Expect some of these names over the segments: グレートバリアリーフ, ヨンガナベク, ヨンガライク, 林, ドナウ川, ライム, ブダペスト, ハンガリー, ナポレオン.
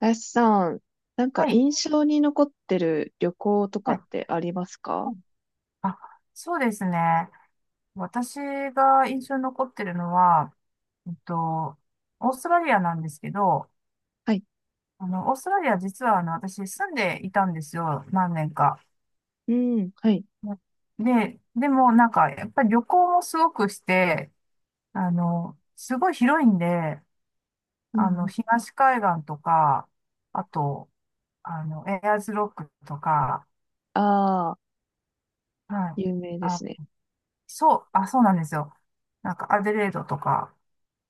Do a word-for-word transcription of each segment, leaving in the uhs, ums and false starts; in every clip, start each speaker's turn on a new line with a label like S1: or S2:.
S1: 林さん、なん
S2: は
S1: か
S2: い。
S1: 印象に残ってる旅行とか
S2: は
S1: っ
S2: い。
S1: てあります
S2: は
S1: か？
S2: い。あ、そうですね。私が印象に残ってるのは、えっと、オーストラリアなんですけど、
S1: はい。
S2: あの、オーストラリア実はあの、私住んでいたんですよ。何年か。
S1: うん、はい。
S2: で、でもなんか、やっぱり旅行もすごくして、あの、すごい広いんで、
S1: う
S2: あの、
S1: ん、
S2: 東海岸とか、あと、あの、エアーズロックとか、
S1: ああ、
S2: はい。
S1: 有名で
S2: あ、
S1: すね。
S2: そう、あ、そうなんですよ。なんか、アデレードとか、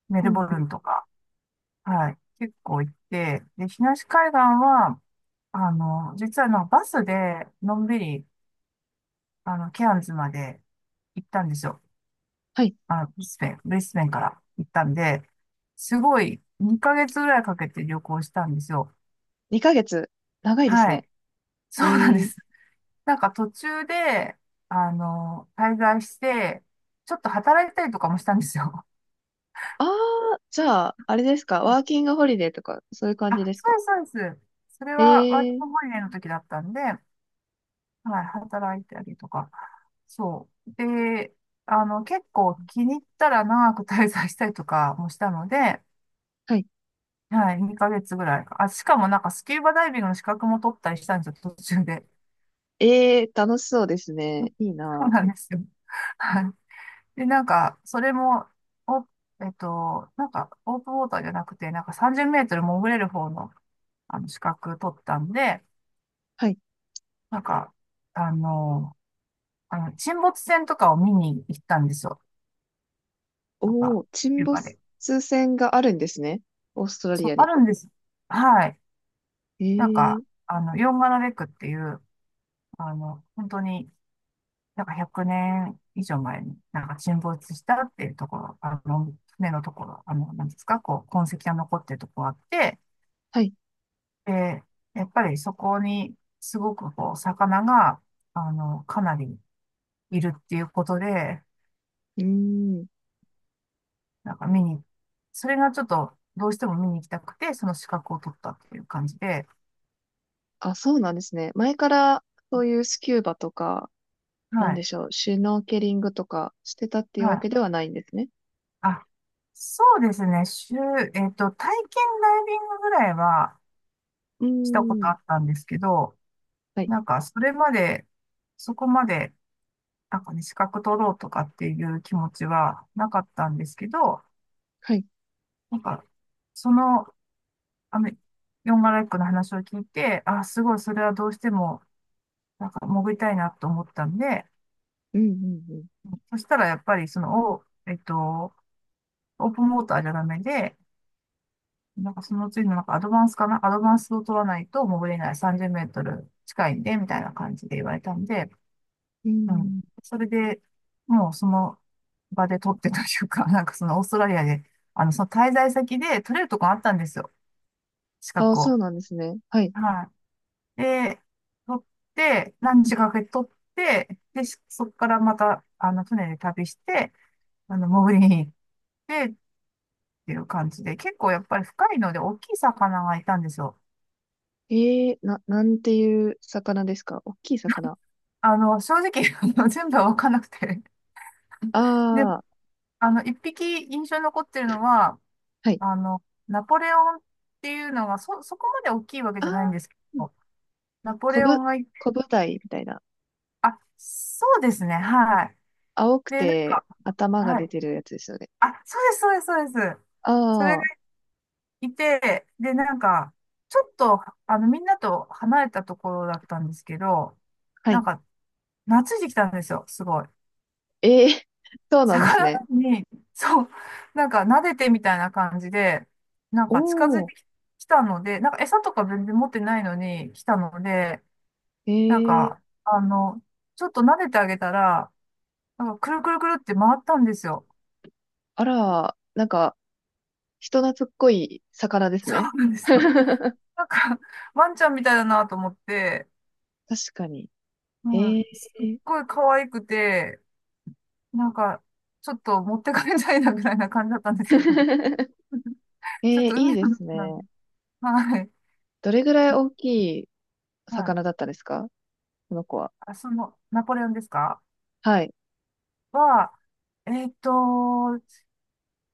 S2: メ
S1: う
S2: ル
S1: ん、
S2: ボルンとか、はい、結構行って、で、東海岸は、あの、実はあのバスで、のんびり、あの、ケアンズまで行ったんですよ。
S1: はい。
S2: あの、ブリスベン、ブリスベンから行ったんで、すごい、にかげつぐらいかけて旅行したんですよ。
S1: にかげつ。長いです
S2: はい。
S1: ね。
S2: そ
S1: え
S2: うなんで
S1: ー、
S2: す。なんか途中で、あの、滞在して、ちょっと働いたりとかもしたんですよ。
S1: ああ、じゃあ、あれですか？ワー キングホリデーとか、そういう感じ
S2: あ、
S1: です
S2: そう
S1: か？
S2: です、そうです。それはワーキン
S1: えー、
S2: グホリデーの時だったんで、はい、働いたりとか。そう。で、あの、結構気に入ったら長く滞在したりとかもしたので、
S1: はい。
S2: はい、にかげつぐらいか。あ、しかもなんかスキューバダイビングの資格も取ったりしたんですよ、途中で。
S1: えー、楽しそうです ね。いい
S2: そう
S1: な。
S2: なんですよ。はい。で、なんか、それも、お、えっと、なんか、オープンウォーターじゃなくて、なんかさんじゅうメートル潜れる方の、あの、資格取ったんで、
S1: はい。
S2: なんか、あの、あの、沈没船とかを見に行ったんですよ。なんか、
S1: おー、沈
S2: キューバ
S1: 没
S2: で。
S1: 船があるんですね。オーストラ
S2: そ
S1: リ
S2: う、
S1: ア
S2: あ
S1: に。
S2: るんです。はい。
S1: え
S2: なんか、
S1: ー、
S2: あの、ヨンガナベクっていう、あの、本当に、なんかひゃくねん以上前に、なんか沈没したっていうところ、あの、船のところ、あの、なんですか、こう、痕跡が残ってるところあって、
S1: はい。
S2: で、やっぱりそこに、すごくこう、魚が、あの、かなりいるっていうことで、
S1: うーん。
S2: なんか見に、それがちょっと、どうしても見に行きたくて、その資格を取ったっていう感じで、
S1: あ、そうなんですね。前からそういうスキューバとか、なん
S2: は
S1: で
S2: い。
S1: しょう、シュノーケリングとかしてたっていう
S2: は
S1: わ
S2: い。
S1: けではないんですね。
S2: あ、そうですね。週、えっと、体験ダイビングぐらいは
S1: うー
S2: したことあ
S1: ん。
S2: ったんですけど、
S1: はい。
S2: なんか、それまで、そこまで、なんかね、資格取ろうとかっていう気持ちはなかったんですけど、
S1: はい。
S2: なんか、その、あの、ヨンガライクの話を聞いて、あ、すごい、それはどうしても、なんか、潜りたいなと思ったんで、
S1: うんうん
S2: そしたら、やっぱり、その、おえっと、オープンウォーターじゃダメで、なんかその次のなんかアドバンスかなアドバンスを取らないと潜れないさんじゅうメートル近いんで、みたいな感じで言われたんで、
S1: うん。うー
S2: うん。
S1: ん。
S2: それで、もうその場で取ってというか、なんかそのオーストラリアで、あの、その滞在先で取れるとこあったんですよ。資
S1: あ、
S2: 格を。
S1: そうなんですね。はい。
S2: はい。で、取って、何時かかけて取って、で、そこからまた、あの、船で旅して、あの、潜りに行ってっていう感じで、結構やっぱり深いので大きい魚がいたんですよ。
S1: ええ、な、なんていう魚ですか？大きい魚。
S2: あの、正直、あの全部は分かんなくて。で、
S1: ああ、
S2: あの、いっぴき印象に残ってるのは、
S1: はい。
S2: あの、ナポレオンっていうのが、そ、そこまで大きいわけ
S1: あ
S2: じゃないん
S1: あ、
S2: ですけ
S1: うん。
S2: ど、ナポ
S1: コ
S2: レオ
S1: ブ、
S2: ンが一匹、
S1: コブダイみたいな。
S2: あ、そうですね、はい。
S1: 青く
S2: で、なん
S1: て
S2: か、
S1: 頭が
S2: は
S1: 出
S2: い。
S1: てるやつですよね。
S2: あ、そうです、そうです、そうです。それ
S1: あ
S2: が
S1: あ、
S2: いて、で、なんか、ちょっと、あの、みんなと離れたところだったんですけど、
S1: は
S2: な
S1: い。
S2: んか、懐いてきたんですよ、すごい。
S1: ええ、そうなんですね。
S2: 魚に、そう、なんか撫でてみたいな感じで、なん
S1: お
S2: か近づい
S1: ー、
S2: てきたので、なんか餌とか全然持ってないのに来たので、なん
S1: え
S2: か、
S1: え、
S2: あの、ちょっと撫でてあげたら、なんかくるくるくるって回ったんですよ。
S1: あら、なんか、人懐っこい魚です
S2: そう
S1: ね。
S2: なんですよ。なんか、ワンちゃんみたいだなと思って、
S1: 確かに。え
S2: うん、
S1: ー、
S2: すっごい可愛くて、なんか、ちょっと持って帰りたいなぐらいな感じだったんですけど、
S1: え
S2: ちょっ
S1: ー、
S2: と
S1: いい
S2: 海
S1: で
S2: の中
S1: す
S2: なんで、
S1: ね。
S2: はい。
S1: どれぐらい大きい
S2: はい。
S1: 魚だったですか？この子は。
S2: あ、その、ナポレオンですか？
S1: はい。
S2: は、えーっと、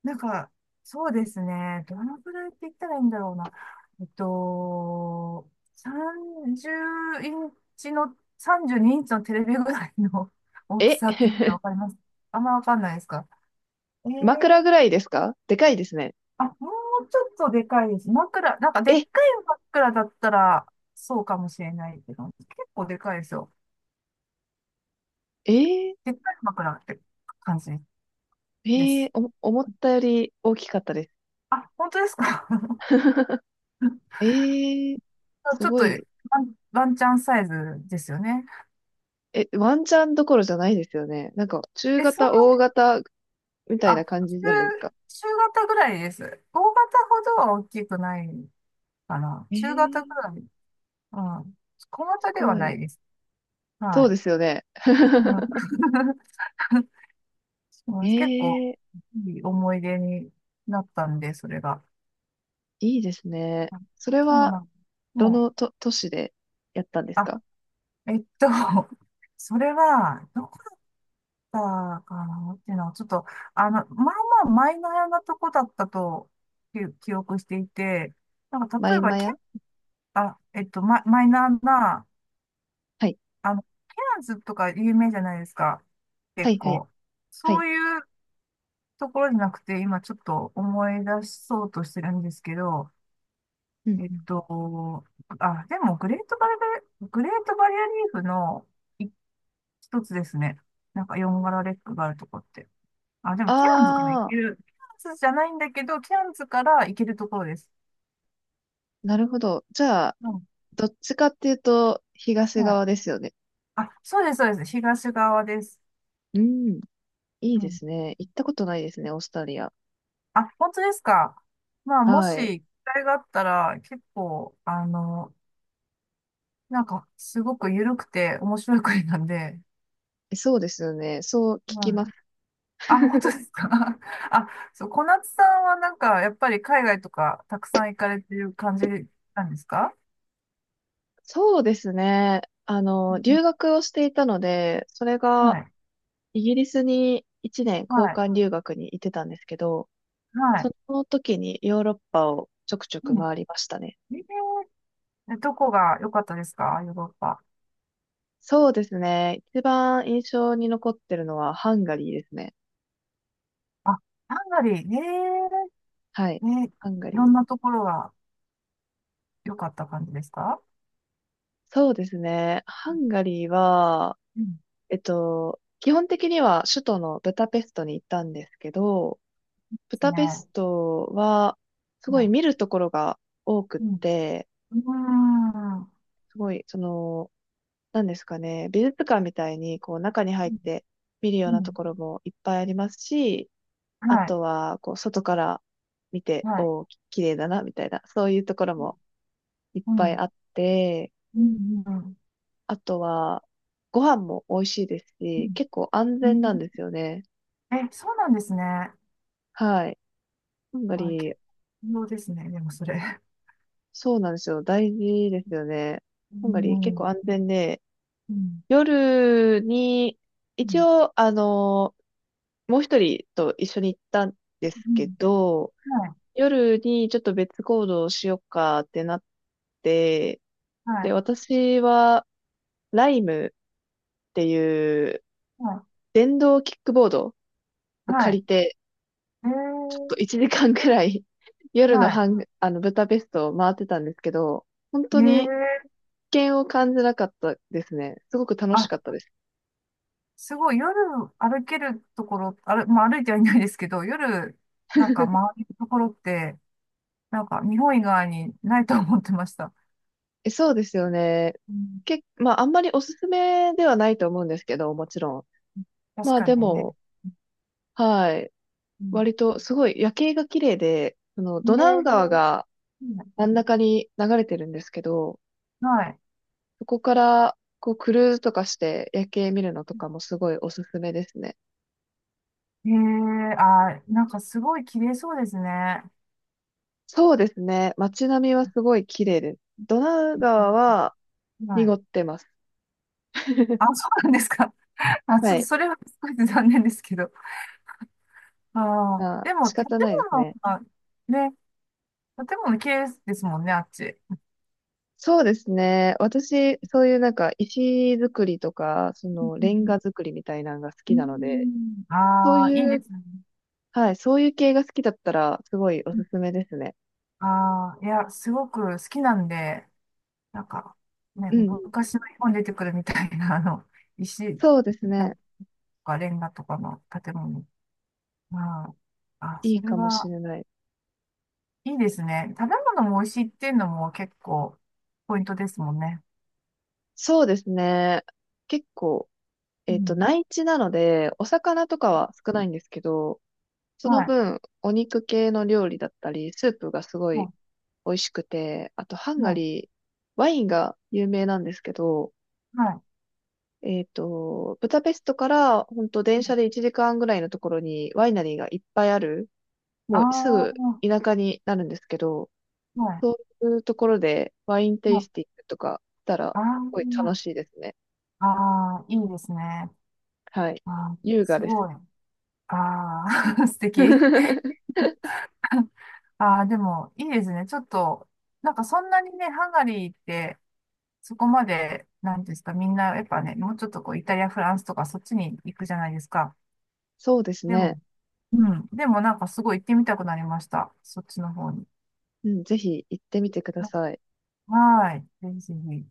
S2: なんか、そうですね。どのくらいって言ったらいいんだろうな。えっと、さんじゅうインチの、さんじゅうにインチのテレビぐらいの 大き
S1: え、
S2: さって言ったらわかります？あんまわかんないですか？え
S1: 枕
S2: ー、
S1: ぐらいですか？でかいですね。
S2: あ、もうちょっとでかいです。枕、なんかでっか
S1: え、
S2: い枕だったら、そうかもしれないけど、結構でかいですよ。
S1: えー、
S2: でっかい枕って感じで
S1: えー、
S2: す。
S1: お、思ったより大きかったです。
S2: あ、本当ですか？
S1: えー、す
S2: ちょっ
S1: ご
S2: とワ
S1: い。
S2: ン、ワンチャンサイズですよね。
S1: え、ワンチャンどころじゃないですよね。なんか、中
S2: え、そ
S1: 型、
S2: んな、
S1: 大型みたい
S2: あ、
S1: な
S2: 中、
S1: 感じじゃないですか。
S2: 中型ぐらいです。大型ほどは大きくないかな。
S1: え
S2: 中型ぐ
S1: ー、
S2: らい。うん。小
S1: す
S2: 型では
S1: ご
S2: な
S1: い。
S2: いです。
S1: そう
S2: は
S1: ですよね。
S2: い。うん。 そ
S1: え
S2: う、結構
S1: ー、
S2: いい思い出になったんで、それが。
S1: いいですね。それ
S2: そうな
S1: は、
S2: ん。
S1: ど
S2: もう、
S1: のと、都市でやったんです
S2: あ、
S1: か？
S2: えっと、それは、どたかなっていうのは、ちょっと、あの、まあまあマイナーなとこだったと記記憶していて、なんか
S1: マ
S2: 例え
S1: イ
S2: ば、
S1: マ
S2: け、
S1: ヤ、
S2: あ、えっと、マ、マイナーな、
S1: はい。
S2: あの、ケアンズとか有名じゃないですか。
S1: は
S2: 結
S1: い、はい、
S2: 構。
S1: は
S2: そ
S1: い。
S2: ういうところじゃなくて、今ちょっと思い出そうとしてるんですけど、
S1: うん
S2: えっ
S1: うん。
S2: と、あ、でもグレートバリア、グレートバリアリーフの一一つですね。なんかよん柄レックがあるとこって。あ、でも、ケアンズから行
S1: あ
S2: け
S1: あ、
S2: る。ケアンズじゃないんだけど、ケアンズから行けるところです。
S1: なるほど。じゃあ、
S2: うん。
S1: どっちかっていうと、東
S2: はい。
S1: 側ですよね。
S2: あ、そうです、そうです。東側です。
S1: うん。いい
S2: う
S1: で
S2: ん。
S1: すね。行ったことないですね、オーストラリア。
S2: あ、本当ですか。まあ、も
S1: はい。
S2: し、機会があったら、結構、あの、なんか、すごく緩くて面白い国なんで、
S1: そうですよね。そう
S2: う
S1: 聞きま
S2: ん。
S1: す。
S2: あ、本当ですか。あ、そう、小夏さんはなんか、やっぱり海外とかたくさん行かれてる感じなんですか？
S1: そうですね。あ
S2: う
S1: の、
S2: ん。
S1: 留学をしていたので、それ
S2: は
S1: が、
S2: い。
S1: イギリスにいちねん
S2: は
S1: 交
S2: い。
S1: 換留学に行ってたんですけど、
S2: は
S1: そ
S2: い。
S1: の時にヨーロッパをちょくちょ
S2: う
S1: く
S2: ん。
S1: 回りましたね。
S2: えー、え、どこが良かったですか？ヨーロッパ。
S1: そうですね。一番印象に残ってるのはハンガリーですね。
S2: あ、ハンガリー。え
S1: はい。
S2: ー、え、
S1: ハンガ
S2: いろ
S1: リ
S2: ん
S1: ー。
S2: なところが良かった感じですか？
S1: そうですね。ハンガリーは、
S2: うん。で
S1: えっと、基本的には首都のブダペストに行ったんですけど、ブ
S2: す
S1: ダ
S2: ね。
S1: ペ
S2: は
S1: ストは、すごい見るところが多く
S2: い。うん。
S1: っ
S2: う
S1: て、
S2: ーん。う
S1: すごい、その、なんですかね、美術館みたいに、こう、中に入っ
S2: ん。
S1: て見るよう
S2: う
S1: なと
S2: ん。
S1: ころもいっぱいありますし、あ
S2: はい。
S1: とは、こう、外から見て、
S2: はい。
S1: おお、き、綺麗だな、みたいな、そういうところもいっ
S2: う
S1: ぱい
S2: ん。
S1: あって、
S2: うん。うん。うん。
S1: あとは、ご飯も美味しいです
S2: う
S1: し、
S2: ん。
S1: 結構安
S2: う
S1: 全
S2: ん。
S1: なんですよね。
S2: え、そうなんですね。
S1: はい。ハンガ
S2: あ、
S1: リ
S2: 結
S1: ー、
S2: 構ですね。でもそれ。
S1: そうなんですよ。大事ですよね。
S2: う
S1: ハンガリー結構
S2: ん。
S1: 安全で、
S2: うん。
S1: 夜に、
S2: う
S1: 一
S2: ん。
S1: 応、あの、もう一人と一緒に行ったんです
S2: う
S1: け
S2: ん。
S1: ど、
S2: はい。
S1: 夜にちょっと別行動をしようかってなって、
S2: はい。
S1: で、私は、ライムっていう
S2: はい。
S1: 電動キックボードを
S2: は
S1: 借
S2: い。
S1: りて、
S2: え
S1: ちょっと
S2: ー、
S1: いちじかんくらい 夜の
S2: はい。
S1: ハン、あの、ブダペストを回ってたんですけど、本
S2: え
S1: 当に
S2: ー、
S1: 危険を感じなかったですね。すごく楽し
S2: あ、
S1: かったです。
S2: すごい夜歩けるところ、ある、まあ歩いてはいないですけど、夜なんか回るところって、なんか日本以外にないと思ってました。
S1: え、そうですよね。
S2: うん、
S1: け、まあ、あんまりおすすめではないと思うんですけど、もちろん。
S2: 確
S1: まあ、
S2: か
S1: で
S2: にね。
S1: も、はい。
S2: うん、
S1: 割と、すごい夜景が綺麗で、その、ド
S2: え
S1: ナウ川
S2: え、
S1: が真ん中に流れてるんですけど、
S2: はい。
S1: そこから、こう、クルーズとかして夜景見るのとかもすごいおすすめですね。
S2: へえ、あー、なんかすごい綺麗そうですね。
S1: そうですね。街並みはすごい綺麗です。ドナウ川
S2: う
S1: は
S2: ん、は
S1: 濁
S2: い。
S1: ってます。
S2: あ、そうなんですか。あ、ち
S1: は
S2: ょっと
S1: い。
S2: それは少し残念ですけど。ああ、
S1: まあ、
S2: でも
S1: 仕
S2: 建
S1: 方ないです
S2: 物
S1: ね。
S2: がね、建物綺麗ですもんね、あっち。
S1: そうですね。私、そういうなんか石造りとか、そ
S2: う
S1: のレ
S2: ん。
S1: ン
S2: うん。
S1: ガ造りみたいなのが好
S2: う
S1: きなので、
S2: ん。
S1: そう
S2: ああー、いい
S1: い
S2: で
S1: う、
S2: すね。
S1: はい、そういう系が好きだったら、すごいおすすめですね。
S2: ああー、いや、すごく好きなんで、なんか、ね、
S1: うん。
S2: 昔の日本に出てくるみたいな、あの、石、
S1: そうです
S2: な
S1: ね。
S2: んか、レンガとかの建物。まあ、あ、
S1: い
S2: そ
S1: い
S2: れ
S1: かもし
S2: は
S1: れない。
S2: いいですね。食べ物も美味しいっていうのも結構ポイントですもんね。
S1: そうですね。結構、
S2: う
S1: えっと、
S2: ん。
S1: 内地なので、お魚とかは少ないんですけど、その
S2: はい。
S1: 分、お肉系の料理だったり、スープがすごい
S2: は
S1: 美味しくて、あと、ハン
S2: い。
S1: ガ
S2: はい。
S1: リー、ワインが有名なんですけど、
S2: はい。
S1: えっと、ブダペストから本当電車でいちじかんぐらいのところにワイナリーがいっぱいある、
S2: あ
S1: もうす
S2: あ、
S1: ぐ
S2: は
S1: 田舎になるんですけど、そ
S2: い。
S1: ういうところでワインテ
S2: は
S1: イ
S2: い。
S1: スティングとかしたら、
S2: あ
S1: すごい楽
S2: あ、
S1: しいですね。
S2: ああ、いいですね。
S1: はい。
S2: ああ、
S1: 優雅
S2: す
S1: です。
S2: ごい。ああ、素敵。ああ、でも、いいですね。ちょっと、なんかそんなにね、ハンガリーって、そこまで、なんていうんですか、みんな、やっぱね、もうちょっとこう、イタリア、フランスとか、そっちに行くじゃないですか。
S1: そうです
S2: で
S1: ね。
S2: も、うん。でも、なんかすごい行ってみたくなりました。そっちの方に。
S1: うん、ぜひ行ってみてくだ
S2: は、
S1: さい。
S2: はーい。ぜひぜひ。